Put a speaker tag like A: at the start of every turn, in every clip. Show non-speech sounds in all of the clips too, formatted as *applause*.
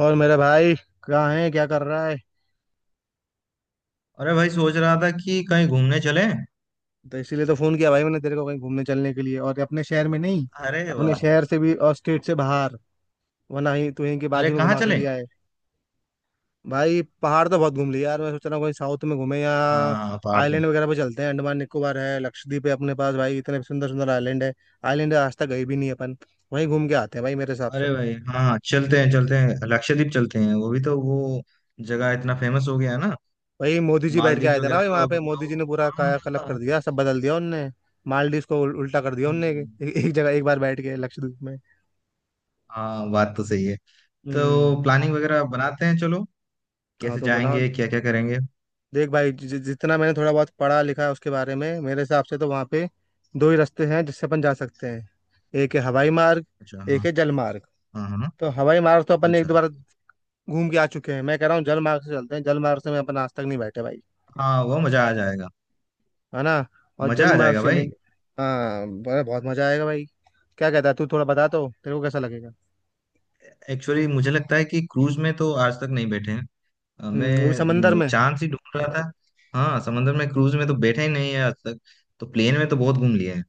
A: और मेरा भाई कहाँ है, क्या कर रहा है।
B: अरे भाई सोच रहा था कि कहीं घूमने चले।
A: तो इसीलिए तो फोन किया भाई मैंने तेरे को, कहीं घूमने चलने के लिए, और अपने शहर में नहीं,
B: अरे
A: अपने
B: वाह।
A: शहर से भी और स्टेट से बाहर। वरना ही तू यहीं के
B: अरे
A: बाजू में
B: कहाँ
A: घुमा के
B: चले?
A: लिया है। भाई पहाड़ तो बहुत घूम लिए यार, मैं सोच रहा हूँ कहीं साउथ में घूमे, या
B: हाँ हाँ, पहाड़ तो।
A: आइलैंड वगैरह पे चलते हैं। अंडमान निकोबार है, लक्षद्वीप है अपने पास, भाई इतने सुंदर सुंदर आइलैंड है। आइलैंड आज तक गए भी नहीं अपन। वहीं घूम के आते हैं भाई मेरे हिसाब से
B: अरे
A: तो।
B: भाई हाँ हाँ, चलते हैं चलते हैं, लक्षद्वीप चलते हैं। वो भी तो वो जगह इतना फेमस हो गया है ना।
A: वही मोदी जी बैठ के
B: मालदीव्स
A: आए थे ना
B: वगैरह
A: भाई
B: तो
A: वहां पे,
B: अब
A: मोदी जी
B: लोग।
A: ने पूरा
B: हाँ
A: कायाकल्प
B: हाँ
A: कर
B: हाँ।
A: दिया, सब बदल दिया उनने। मालदीव को उल्टा कर दिया उनने, एक,
B: हम्म।
A: एक जगह एक बार बैठ के लक्षद्वीप में।
B: हाँ, बात तो सही है।
A: हम्म।
B: तो प्लानिंग वगैरह बनाते हैं चलो।
A: हाँ
B: कैसे
A: तो बनाओ।
B: जाएंगे? क्या क्या करेंगे?
A: देख भाई, जि, जि- जितना मैंने थोड़ा बहुत पढ़ा लिखा है उसके बारे में, मेरे हिसाब से तो वहां पे दो ही रास्ते हैं जिससे अपन जा सकते हैं। एक है हवाई मार्ग,
B: अच्छा,
A: एक
B: हाँ।
A: है जल मार्ग।
B: हाँ हाँ।
A: तो हवाई मार्ग तो अपन ने एक
B: अच्छा।
A: दो बार घूम के आ चुके हैं, मैं कह रहा हूँ जल मार्ग से चलते हैं। जल मार्ग से मैं अपन आज तक नहीं बैठे भाई,
B: हाँ, वो मजा आ जाएगा।
A: है ना। और
B: मजा
A: जल
B: आ
A: मार्ग
B: जाएगा
A: से
B: भाई।
A: चलेंगे। हाँ, बहुत मजा आएगा भाई। क्या कहता है तू, थोड़ा बता तो, तेरे को कैसा लगेगा।
B: एक्चुअली मुझे लगता है कि क्रूज में तो आज तक नहीं बैठे हैं।
A: हम्म, वो भी समंदर
B: मैं
A: में।
B: चांद ही ढूंढ रहा था। हाँ, समंदर में क्रूज में तो बैठा ही नहीं है आज तक। तो प्लेन में तो बहुत घूम लिए हैं।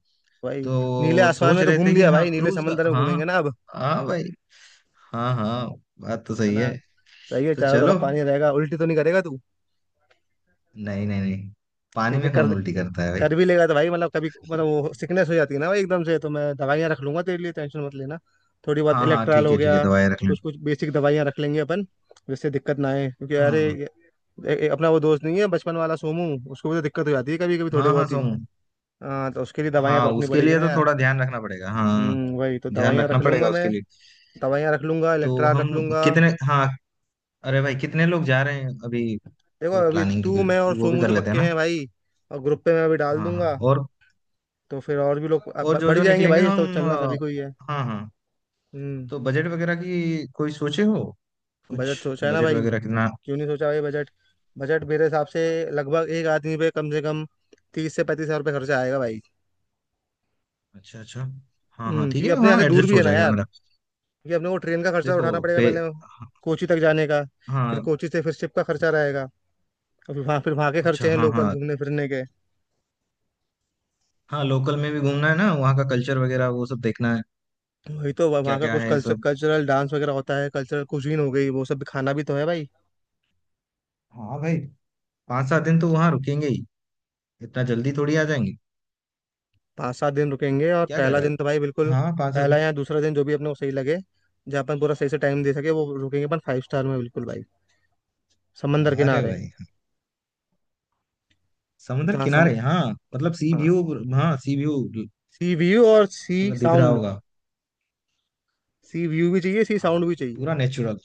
A: भाई नीले
B: तो
A: आसमान
B: सोच
A: में तो
B: रहे
A: घूम
B: थे कि
A: लिया
B: हाँ,
A: भाई, नीले
B: क्रूज का।
A: समंदर में
B: हाँ।
A: घूमेंगे ना अब,
B: हाँ भाई। हाँ हाँ। बात तो
A: है
B: सही
A: ना।
B: है।
A: सही है,
B: तो
A: चारों तरफ
B: चलो।
A: पानी रहेगा, उल्टी तो नहीं करेगा तू।
B: नहीं नहीं नहीं। पानी
A: ठीक है
B: में कौन
A: कर।
B: उल्टी करता है भाई?
A: कर भी लेगा तो भाई, मतलब कभी मतलब वो सिकनेस हो जाती है ना भाई एकदम से, तो मैं दवाइयाँ रख लूंगा तेरे लिए, टेंशन मत लेना। थोड़ी बहुत
B: हाँ हाँ,
A: इलेक्ट्रॉल
B: ठीक
A: हो
B: है ठीक है,
A: गया,
B: दवाई रख
A: कुछ
B: लेना।
A: कुछ बेसिक दवाइयाँ रख लेंगे अपन, जिससे दिक्कत ना आए। क्योंकि
B: हाँ
A: अरे
B: हाँ।
A: अपना वो दोस्त नहीं है बचपन वाला सोमू, उसको भी तो दिक्कत हो जाती है कभी कभी थोड़ी
B: हाँ हाँ,
A: बहुत ही।
B: सोमू।
A: हाँ तो उसके लिए दवाइयाँ तो
B: हाँ,
A: रखनी
B: उसके
A: पड़ेगी
B: लिए
A: ना
B: तो
A: यार।
B: थोड़ा ध्यान रखना पड़ेगा। हाँ हाँ।
A: हम्म, वही तो
B: ध्यान
A: दवाइयाँ
B: रखना
A: रख लूंगा
B: पड़ेगा
A: मैं।
B: उसके लिए।
A: दवाइयाँ रख लूंगा,
B: तो
A: इलेक्ट्रा
B: हम।
A: रख लूंगा।
B: कितने। हाँ। अरे भाई कितने लोग जा रहे हैं अभी?
A: देखो
B: वो
A: अभी
B: प्लानिंग।
A: तू, मैं और
B: वो भी
A: सोमू
B: कर
A: तो
B: लेते हैं
A: पक्के
B: ना।
A: हैं भाई। और ग्रुप पे मैं अभी डाल
B: हाँ हाँ
A: दूंगा,
B: हाँ। और।
A: तो फिर और भी लोग अब
B: और
A: ब-
B: जो
A: बढ़
B: जो
A: जाएंगे
B: निकलेंगे
A: भाई, तो
B: हम
A: चलना सभी को ही है।
B: हाँ हाँ।
A: हम्म।
B: तो बजट वगैरह की कोई सोचे हो? कुछ?
A: बजट सोचा है ना
B: बजट
A: भाई,
B: वगैरह कितना?
A: क्यों नहीं सोचा भाई बजट। बजट मेरे हिसाब से लगभग एक आदमी पे कम से कम 30 से 35 हज़ार रुपये खर्चा आएगा भाई।
B: अच्छा अच्छा। हाँ हाँ,
A: हम्म,
B: ठीक
A: क्योंकि
B: है,
A: अपने यहाँ
B: हाँ,
A: से दूर
B: एडजस्ट
A: भी
B: हो
A: है ना
B: जाएगा
A: यार।
B: मेरा।
A: क्योंकि अपने को ट्रेन का खर्चा
B: देखो।
A: उठाना पड़ेगा
B: पे।
A: पहले, कोची तक जाने का। फिर
B: हाँ।
A: कोची से फिर शिप का खर्चा रहेगा। और फिर वहाँ, फिर वहाँ के
B: अच्छा
A: खर्चे हैं
B: हाँ।
A: लोकल
B: हाँ
A: घूमने फिरने के।
B: हाँ, लोकल में भी घूमना है ना, वहाँ का कल्चर वगैरह वो सब देखना है।
A: तो वही तो, वह-
B: क्या
A: वहाँ का
B: क्या
A: कुछ
B: है
A: कल्चर,
B: सब?
A: कल्चरल डांस वगैरह होता है, कल्चरल कुजीन हो गई, वो सब भी, खाना भी तो है भाई।
B: हाँ भाई। पाँच सात दिन तो वहाँ रुकेंगे ही। इतना जल्दी थोड़ी आ जाएंगे।
A: 5-7 दिन रुकेंगे। और
B: क्या कह
A: पहला
B: रहा
A: दिन तो भाई बिल्कुल,
B: है? हाँ, पाँच सात
A: पहला
B: दिन।
A: या दूसरा दिन जो भी अपने को सही लगे, जहाँ अपन पूरा सही से टाइम दे सके वो रुकेंगे अपन फाइव स्टार में, बिल्कुल भाई, समंदर
B: अरे
A: किनारे
B: भाई। समुद्र
A: जहाँ सम।
B: किनारे, हाँ। मतलब सी व्यू।
A: हाँ।
B: हाँ, सी व्यू।
A: सी व्यू और सी
B: पूरा दिख रहा
A: साउंड,
B: होगा।
A: सी व्यू भी चाहिए, सी
B: हाँ।
A: साउंड भी चाहिए।
B: पूरा नेचुरल।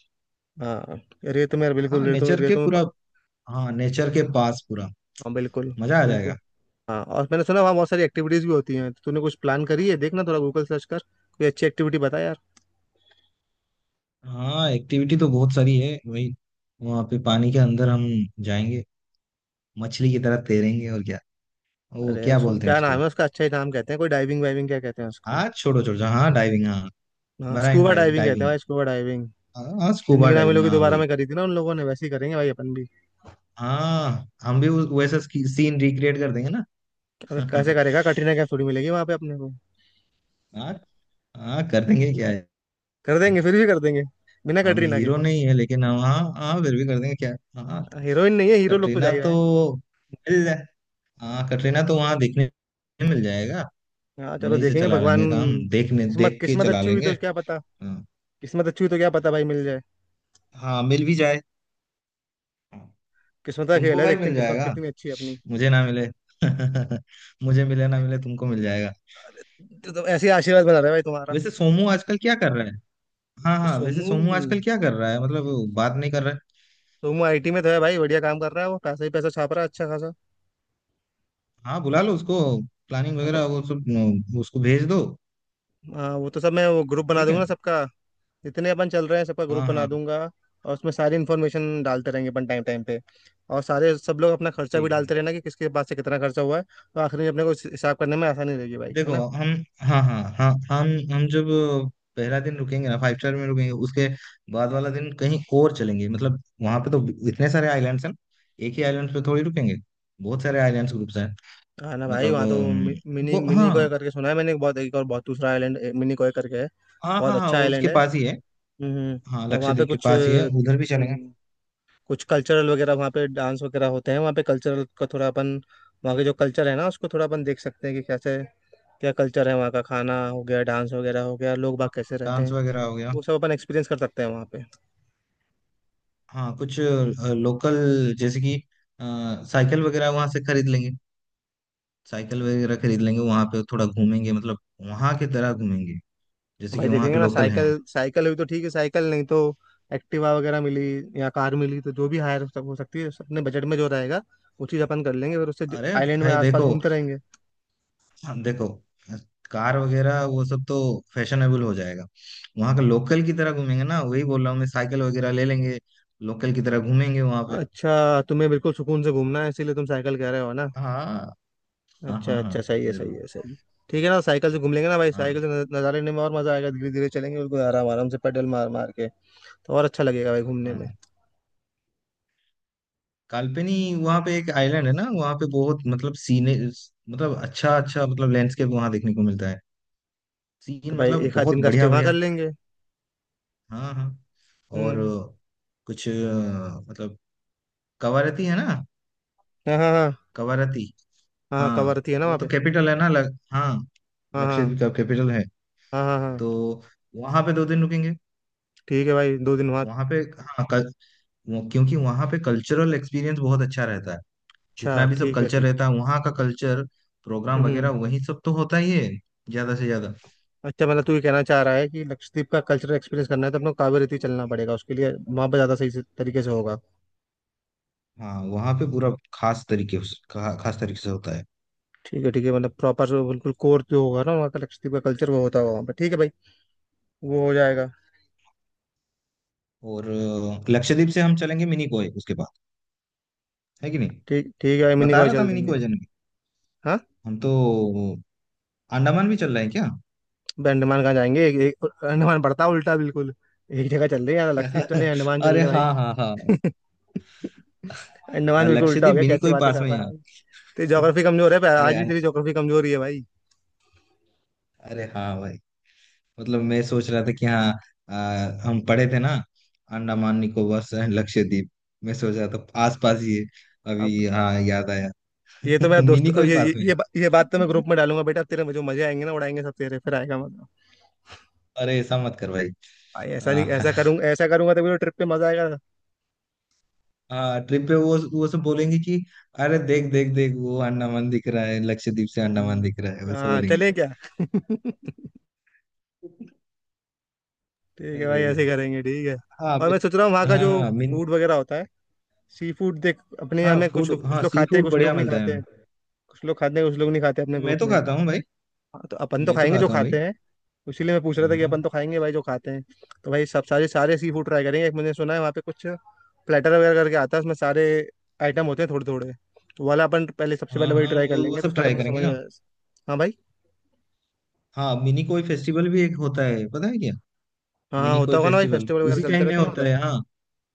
A: हाँ, रेत में बिल्कुल,
B: हाँ,
A: रेतों में,
B: नेचर के
A: रेतों में
B: पूरा।
A: प।
B: हाँ, नेचर के पास पूरा।
A: हाँ बिल्कुल।
B: मजा आ जाएगा।
A: बिल्कुल। हाँ, और मैंने सुना वहाँ बहुत सारी एक्टिविटीज भी होती हैं, तूने कुछ प्लान करी है, देखना थोड़ा गूगल सर्च कर, कोई अच्छी एक्टिविटी बता यार।
B: हाँ, एक्टिविटी तो बहुत सारी है वही। वहाँ पे पानी के अंदर हम। जाएंगे। मछली की तरह तैरेंगे, और क्या। वो
A: अरे
B: क्या
A: उसको
B: बोलते हैं
A: क्या नाम
B: उसको?
A: है उसका, अच्छा ही नाम कहते हैं, कोई डाइविंग वाइविंग क्या कहते हैं उसको।
B: हाँ, छोड़ो छोड़ो। हाँ, डाइविंग, हाँ।
A: हाँ
B: मराइन
A: स्कूबा
B: ड्राइव
A: डाइविंग कहते हैं
B: डाइविंग।
A: भाई, स्कूबा डाइविंग।
B: हाँ हाँ, स्कूबा
A: जिंदगी ना
B: डाइविंग,
A: मिलोगी
B: हाँ
A: दोबारा
B: वही।
A: में करी थी ना उन लोगों ने, वैसे ही करेंगे भाई अपन भी।
B: हाँ, हम भी वैसा सीन रिक्रिएट कर देंगे ना।
A: अबे कैसे
B: *laughs*
A: करेगा, कटरीना कैफ थोड़ी मिलेगी वहां पे अपने को।
B: हाँ। हाँ, कर देंगे क्या है।
A: कर देंगे, फिर भी कर देंगे, बिना
B: हम
A: कटरीना के।
B: हीरो नहीं है लेकिन हम, हाँ हाँ, फिर भी कर देंगे क्या। हाँ।
A: हीरोइन नहीं है, हीरो लोग तो जा
B: कटरीना
A: ही
B: तो।
A: रहे हैं।
B: मिल जाए। हाँ, कटरीना तो वहां देखने। मिल जाएगा।
A: हाँ चलो
B: वहीं से
A: देखेंगे,
B: चला
A: भगवान।
B: लेंगे काम, देखने
A: किस्मत,
B: देख के
A: किस्मत
B: चला
A: अच्छी हुई
B: लेंगे।
A: तो क्या पता।
B: हाँ।
A: किस्मत अच्छी हुई तो क्या पता भाई, मिल जाए।
B: हाँ, मिल भी जाए। हाँ।
A: किस्मत का खेल
B: तुमको
A: है,
B: भाई
A: देखते
B: मिल
A: हैं किस्मत
B: जाएगा।
A: कितनी अच्छी है अपनी।
B: मुझे ना मिले *laughs* मुझे मिले ना मिले, तुमको मिल जाएगा।
A: तो ऐसे ही आशीर्वाद बना रहा है भाई तुम्हारा।
B: वैसे सोमू आजकल क्या कर रहा है? हाँ
A: तो
B: हाँ, वैसे
A: सोमू,
B: सोमू आजकल क्या कर रहा है? मतलब वो बात नहीं कर रहा है।
A: सोमू आईटी में तो है भाई, बढ़िया काम कर रहा है, वो पैसा ही पैसा छाप रहा है अच्छा खासा।
B: हाँ, बुला लो उसको। प्लानिंग
A: हाँ
B: वगैरह
A: तो,
B: वो सब न, उसको भेज दो।
A: हाँ वो तो सब मैं, वो ग्रुप बना
B: ठीक
A: दूंगा
B: है।
A: ना सबका, जितने अपन चल रहे हैं सबका ग्रुप
B: हाँ
A: बना
B: हाँ।
A: दूंगा। और उसमें सारी इन्फॉर्मेशन डालते रहेंगे अपन टाइम टाइम पे। और सारे सब लोग अपना खर्चा भी
B: ठीक
A: डालते
B: है।
A: रहना, कि किसके पास से कितना खर्चा हुआ है। तो आखिर में अपने को हिसाब करने में आसानी रहेगी भाई, है
B: देखो
A: ना।
B: हम। हाँ हाँ हाँ, हम जब पहला दिन रुकेंगे ना, फाइव स्टार में रुकेंगे, उसके बाद वाला दिन कहीं और चलेंगे। मतलब वहां पे तो इतने सारे आइलैंड्स हैं, एक ही आइलैंड पे थोड़ी रुकेंगे। बहुत सारे आइलैंड्स ग्रुप्स हैं।
A: हाँ ना भाई,
B: मतलब
A: वहाँ तो मि- मिनी
B: वो,
A: मिनी कोय
B: हाँ।
A: करके सुना है मैंने, एक बहुत, एक और बहुत दूसरा आइलैंड मिनी कोय करके है,
B: हाँ
A: बहुत
B: हाँ हाँ,
A: अच्छा
B: उसके
A: आइलैंड है।
B: पास ही है।
A: हम्म।
B: हाँ,
A: और वहाँ पे
B: लक्षद्वीप के
A: कुछ,
B: पास ही है, उधर भी चलेंगे।
A: कुछ कल्चरल वगैरह वहाँ पे, डांस वगैरह होते हैं वहाँ पे, कल्चरल का थोड़ा अपन, वहाँ के जो कल्चर है ना उसको थोड़ा अपन देख सकते हैं कि कैसे क्या कल्चर है वहाँ का। खाना हो गया, डांस वगैरह हो गया, लोग बाग
B: हाँ,
A: कैसे रहते
B: डांस
A: हैं,
B: वगैरह हो गया।
A: वो सब अपन एक्सपीरियंस कर सकते हैं वहाँ पे।
B: हाँ, कुछ लोकल जैसे कि साइकिल वगैरह वहां से खरीद लेंगे। साइकिल वगैरह खरीद लेंगे, वहां पे थोड़ा घूमेंगे, मतलब वहां की तरह घूमेंगे, जैसे कि
A: भाई
B: वहाँ के
A: देखेंगे ना,
B: लोकल हैं।
A: साइकिल, साइकिल हुई तो ठीक है, साइकिल नहीं तो एक्टिवा वगैरह मिली, या कार मिली तो, जो भी हायर हो सकती है अपने बजट में जो रहेगा वो चीज़ अपन कर लेंगे, फिर उससे
B: अरे
A: आइलैंड में
B: भाई
A: आसपास
B: देखो।
A: घूमते रहेंगे।
B: देखो, कार वगैरह वो सब तो फैशनेबल हो जाएगा। वहाँ का लोकल की तरह घूमेंगे ना, वही बोल रहा हूँ मैं, साइकिल वगैरह ले लेंगे। लोकल की तरह घूमेंगे वहाँ पे।
A: अच्छा, तुम्हें बिल्कुल सुकून से घूमना है इसीलिए तुम साइकिल कह रहे हो ना।
B: हाँ हाँ
A: अच्छा
B: हाँ।
A: अच्छा,
B: हाँ,
A: सही है, सही
B: जरूर।
A: है, सही है। ठीक है ना, साइकिल से घूम लेंगे ना भाई,
B: हाँ
A: साइकिल से नज़ारे लेने में और मज़ा आएगा, धीरे धीरे चलेंगे बिल्कुल आराम आराम से, पेडल मार मार के तो और अच्छा लगेगा भाई घूमने
B: हाँ
A: में।
B: हाँ। काल्पनी। वहाँ पे एक आइलैंड है ना, वहाँ पे बहुत मतलब सीने। मतलब, अच्छा अच्छा, मतलब लैंडस्केप वहाँ देखने को मिलता है।
A: तो
B: सीन
A: भाई
B: मतलब
A: एक आध
B: बहुत
A: दिन का स्टे
B: बढ़िया
A: वहाँ कर
B: बढ़िया।
A: लेंगे।
B: हाँ हाँ। और
A: हम्म।
B: कुछ मतलब, कवारती है ना।
A: हाँ हाँ हाँ।
B: कवारती।
A: हाँ
B: हाँ,
A: कवारती है ना
B: वो
A: वहाँ
B: तो
A: पे।
B: कैपिटल है ना? हाँ।
A: हाँ
B: लक्षद्वीप
A: हाँ
B: का कैपिटल है।
A: हाँ। हाँ हाँ।
B: तो वहां पे 2 दिन रुकेंगे।
A: ठीक है भाई, 2 दिन वहाँ।
B: वहां पे। हाँ, वो, क्योंकि वहां पे कल्चरल एक्सपीरियंस बहुत अच्छा रहता है।
A: अच्छा
B: जितना भी सब
A: ठीक है,
B: कल्चर
A: ठीक है।
B: रहता है वहाँ का कल्चर, प्रोग्राम वगैरह
A: हम्म।
B: वही सब तो होता ही है ज्यादा से ज्यादा।
A: अच्छा, मतलब तू ये कहना चाह रहा है कि लक्षद्वीप का कल्चरल एक्सपीरियंस करना है तो अपने को कावेरी चलना पड़ेगा, उसके लिए वहाँ पर ज़्यादा सही से तरीके से होगा।
B: हाँ, वहाँ पे पूरा खास तरीके खास तरीके से होता है।
A: ठीक है ठीक है, मतलब प्रॉपर बिल्कुल कोर जो होगा ना वहाँ का, लक्षद्वीप का कल्चर वो होता होगा वहाँ पे, ठीक है भाई, वो हो जाएगा।
B: और लक्षद्वीप से हम चलेंगे मिनीकोय उसके बाद, है कि नहीं?
A: ठीक, ठीक है भाई, मिनी
B: बता
A: कॉय
B: रहा था
A: चल देंगे।
B: मिनीकोय जाने की।
A: हाँ।
B: हम तो अंडमान भी चल रहे हैं क्या?
A: भाई अंडमान कहाँ जाएंगे, एक, अंडमान पड़ता है उल्टा बिल्कुल। एक जगह चल रहे हैं यार, लक्षद्वीप चले,
B: *laughs*
A: अंडमान चल
B: अरे
A: रहे भाई।
B: हाँ हाँ हाँ।
A: अंडमान बिल्कुल उल्टा हो
B: लक्षद्वीप
A: गया,
B: मिनी
A: कैसी
B: कोई
A: बातें
B: पास
A: कर
B: में ही
A: रहा है भाई। तेरी
B: है।
A: ज्योग्राफी कमजोर है, पर
B: *laughs* अरे
A: आज भी तेरी ज्योग्राफी कमजोर ही है भाई।
B: अरे हाँ भाई, मतलब मैं सोच रहा था कि हाँ, अ, हम पढ़े थे ना, अंडमान निकोबार से लक्षद्वीप। मैं सोच रहा था आस पास ही है।
A: अब
B: अभी हाँ, याद आया।
A: ये तो
B: *laughs*
A: मैं दोस्त,
B: मिनी
A: अब
B: कोई
A: ये ये
B: पास में
A: ये बा- ये बात तो मैं
B: है।
A: ग्रुप
B: *laughs*
A: में डालूंगा बेटा, तेरे में जो मजे आएंगे ना, उड़ाएंगे सब तेरे, फिर आएगा मजा।
B: अरे ऐसा मत कर भाई।
A: भाई ऐसा नहीं,
B: हाँ।
A: ऐसा
B: *laughs*
A: करूंगा, ऐसा करूंगा तभी तो ट्रिप पे मजा आएगा।
B: हाँ, ट्रिप पे वो सब बोलेंगे कि अरे देख देख देख, वो अंडमान दिख रहा है, लक्षद्वीप से अंडमान
A: हम्म,
B: दिख रहा है, वैसे
A: हाँ
B: बोलेंगे।
A: चलें क्या। *laughs*
B: *laughs*
A: ठीक है भाई ऐसे ही
B: अरे
A: करेंगे, ठीक है।
B: हाँ,
A: और मैं
B: मिन
A: सोच रहा हूँ वहाँ का जो
B: हाँ, मिन
A: फूड वगैरह होता है, सी फूड, देख अपने यहाँ
B: हाँ,
A: में कुछ
B: फूड।
A: कुछ
B: हाँ,
A: लोग
B: सी
A: खाते हैं,
B: फूड
A: कुछ
B: बढ़िया
A: लोग नहीं
B: मिलता
A: खाते
B: है।
A: हैं। कुछ लोग खाते हैं, कुछ लोग नहीं खाते अपने ग्रुप
B: मैं तो
A: में।
B: खाता हूँ भाई।
A: हाँ, तो अपन तो
B: मैं तो
A: खाएंगे जो
B: खाता हूँ भाई।
A: खाते हैं, इसीलिए मैं पूछ रहा था कि
B: हाँ
A: अपन तो खाएंगे भाई जो खाते हैं। तो भाई सब, सारे सारे सी फूड ट्राई करेंगे। एक मैंने सुना है वहाँ पे कुछ प्लेटर वगैरह करके आता है, उसमें सारे आइटम होते हैं थोड़े थोड़े, तो वाला अपन पहले, सबसे
B: हाँ
A: पहले वही
B: हाँ,
A: ट्राई कर
B: वो
A: लेंगे, तो
B: सब
A: उसका तो
B: ट्राई
A: अपने
B: करेंगे
A: समझ में
B: ना।
A: आया। हाँ भाई।
B: हाँ, मिनी कोई फेस्टिवल भी एक होता है, पता है क्या?
A: हाँ हाँ
B: मिनी
A: होता
B: कोई
A: होगा ना भाई,
B: फेस्टिवल
A: फेस्टिवल वगैरह
B: उसी
A: चलते
B: टाइम में
A: रहते ना
B: होता
A: उधर।
B: है, हाँ।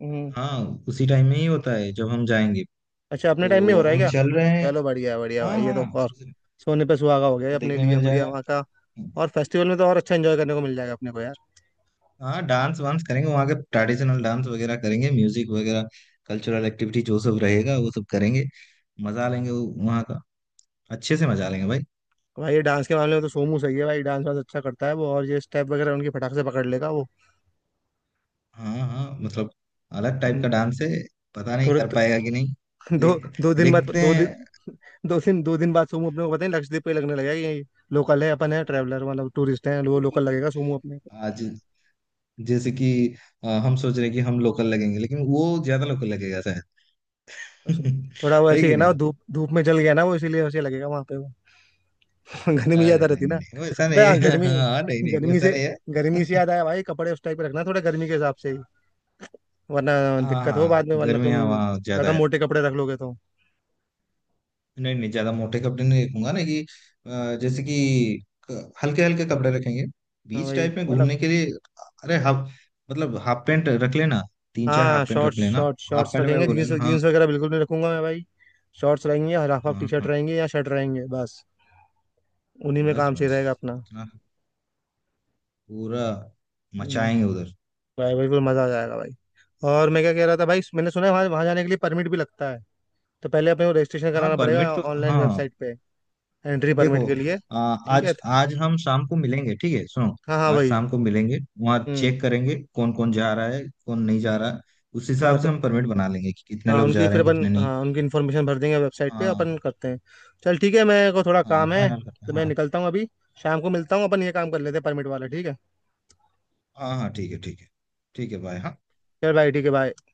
A: हम्म।
B: हाँ। उसी टाइम में ही होता है जब हम जाएंगे।
A: अच्छा, अपने टाइम में हो
B: तो
A: रहा है
B: हम
A: क्या।
B: चल रहे हैं।
A: चलो बढ़िया बढ़िया
B: हाँ
A: भाई, ये तो
B: हाँ।
A: और सोने पे सुहागा हो गया, ये अपने
B: देखने
A: लिए
B: मिल
A: बढ़िया,
B: जाएगा।
A: वहाँ का। और फेस्टिवल में तो और अच्छा एंजॉय करने को मिल जाएगा अपने को यार।
B: हाँ, डांस वांस करेंगे, वहाँ के ट्रेडिशनल डांस वगैरह करेंगे, म्यूजिक वगैरह। कल्चरल एक्टिविटी जो सब रहेगा वो सब करेंगे। मजा लेंगे वहाँ का। अच्छे से मजा लेंगे भाई।
A: भाई ये डांस के मामले में तो सोमू सही है भाई, डांस वांस अच्छा करता है वो, और ये स्टेप वगैरह उनकी फटाक से पकड़ लेगा वो।
B: हाँ हाँ, मतलब अलग टाइप का
A: हम्म,
B: डांस है। पता नहीं
A: थोड़े
B: कर
A: तो,
B: पाएगा कि नहीं।
A: दो,
B: देख।
A: दो दिन बाद,
B: देखते
A: दो दिन,
B: हैं।
A: दो दिन, दो दिन बाद सोमू अपने को पता नहीं लक्षद्वीप पे लगने लगेगा कि ये लोकल है, अपन है ट्रैवलर मतलब टूरिस्ट है, वो लोकल लगेगा सोमू अपने को।
B: आज। जैसे कि हम सोच रहे हैं कि हम लोकल लगेंगे, लेकिन वो ज्यादा लोकल लगेगा शायद। *laughs*
A: थोड़ा वो
B: है
A: ऐसे ही
B: कि
A: है ना, वो
B: नहीं?
A: धूप धूप में जल गया ना वो, इसीलिए वैसे लगेगा वहां पे वो। *laughs* गर्मी
B: अरे
A: ज्यादा
B: नहीं
A: रहती
B: नहीं
A: ना।
B: नहीं, वैसा
A: अबे
B: नहीं
A: हाँ,
B: है। *laughs*
A: गर्मी,
B: हाँ, नहीं नहीं,
A: गर्मी
B: वैसा
A: से,
B: नहीं
A: गर्मी से
B: है। *laughs*
A: याद आया भाई, कपड़े उस टाइप के रखना थोड़ा, गर्मी के हिसाब से ही, वरना
B: हाँ
A: दिक्कत हो
B: हाँ,
A: बाद में, वरना तुम
B: गर्मियाँ वहाँ ज्यादा
A: ज्यादा
B: है।
A: मोटे कपड़े रख लोगे तो।
B: नहीं नहीं, ज्यादा मोटे कपड़े नहीं रखूंगा ना कि जैसे कि हल्के हल्के कपड़े रखेंगे,
A: हाँ
B: बीच
A: भाई
B: टाइप में
A: मतलब,
B: घूमने के लिए। अरे हाफ, मतलब हाफ पैंट रख लेना। तीन चार
A: हाँ
B: हाफ पैंट रख
A: शॉर्ट्स,
B: लेना।
A: शॉर्ट्स
B: हाफ
A: शॉर्ट्स
B: पैंट में
A: रखेंगे,
B: बोले
A: जीन्स
B: ना, हाँ।
A: जीन्स वगैरह बिल्कुल नहीं रखूंगा मैं भाई। शॉर्ट्स रहेंगे, या हाफ हाफ टी
B: हाँ
A: शर्ट
B: हाँ।
A: रहेंगे, या शर्ट रहेंगे बस, उन्हीं में
B: बस
A: काम सही
B: बस।
A: रहेगा अपना।
B: इतना पूरा
A: हम्म,
B: मचाएंगे उधर।
A: भाई भाई बिल्कुल मजा आ जाएगा भाई। और मैं क्या कह रहा था भाई, मैंने सुना है वहाँ, वहाँ जाने के लिए परमिट भी लगता है, तो पहले अपने को रजिस्ट्रेशन
B: हाँ,
A: कराना पड़ेगा
B: परमिट तो,
A: ऑनलाइन
B: हाँ।
A: वेबसाइट पे, एंट्री
B: देखो,
A: परमिट के लिए। ठीक है,
B: आज आज हम शाम को मिलेंगे, ठीक है, सुनो।
A: हाँ हाँ
B: आज
A: भाई।
B: शाम को मिलेंगे, वहाँ चेक
A: हम्म।
B: करेंगे कौन कौन जा रहा है, कौन नहीं जा रहा है। उस
A: हाँ
B: हिसाब से
A: तो,
B: हम परमिट बना लेंगे कि कितने
A: हाँ
B: लोग
A: उनकी
B: जा रहे
A: फिर
B: हैं,
A: अपन,
B: कितने नहीं।
A: हाँ उनकी इन्फॉर्मेशन भर देंगे वेबसाइट पे
B: हाँ
A: अपन, करते हैं। चल ठीक है, मेरे को थोड़ा
B: हाँ,
A: काम है
B: फाइनल करते
A: तो
B: हैं,
A: मैं
B: हाँ।
A: निकलता हूँ अभी। शाम को मिलता हूँ, अपन ये काम कर लेते हैं परमिट वाला, ठीक है।
B: हाँ हाँ, ठीक है ठीक है। ठीक है, बाय। हाँ।
A: चल भाई, ठीक है भाई।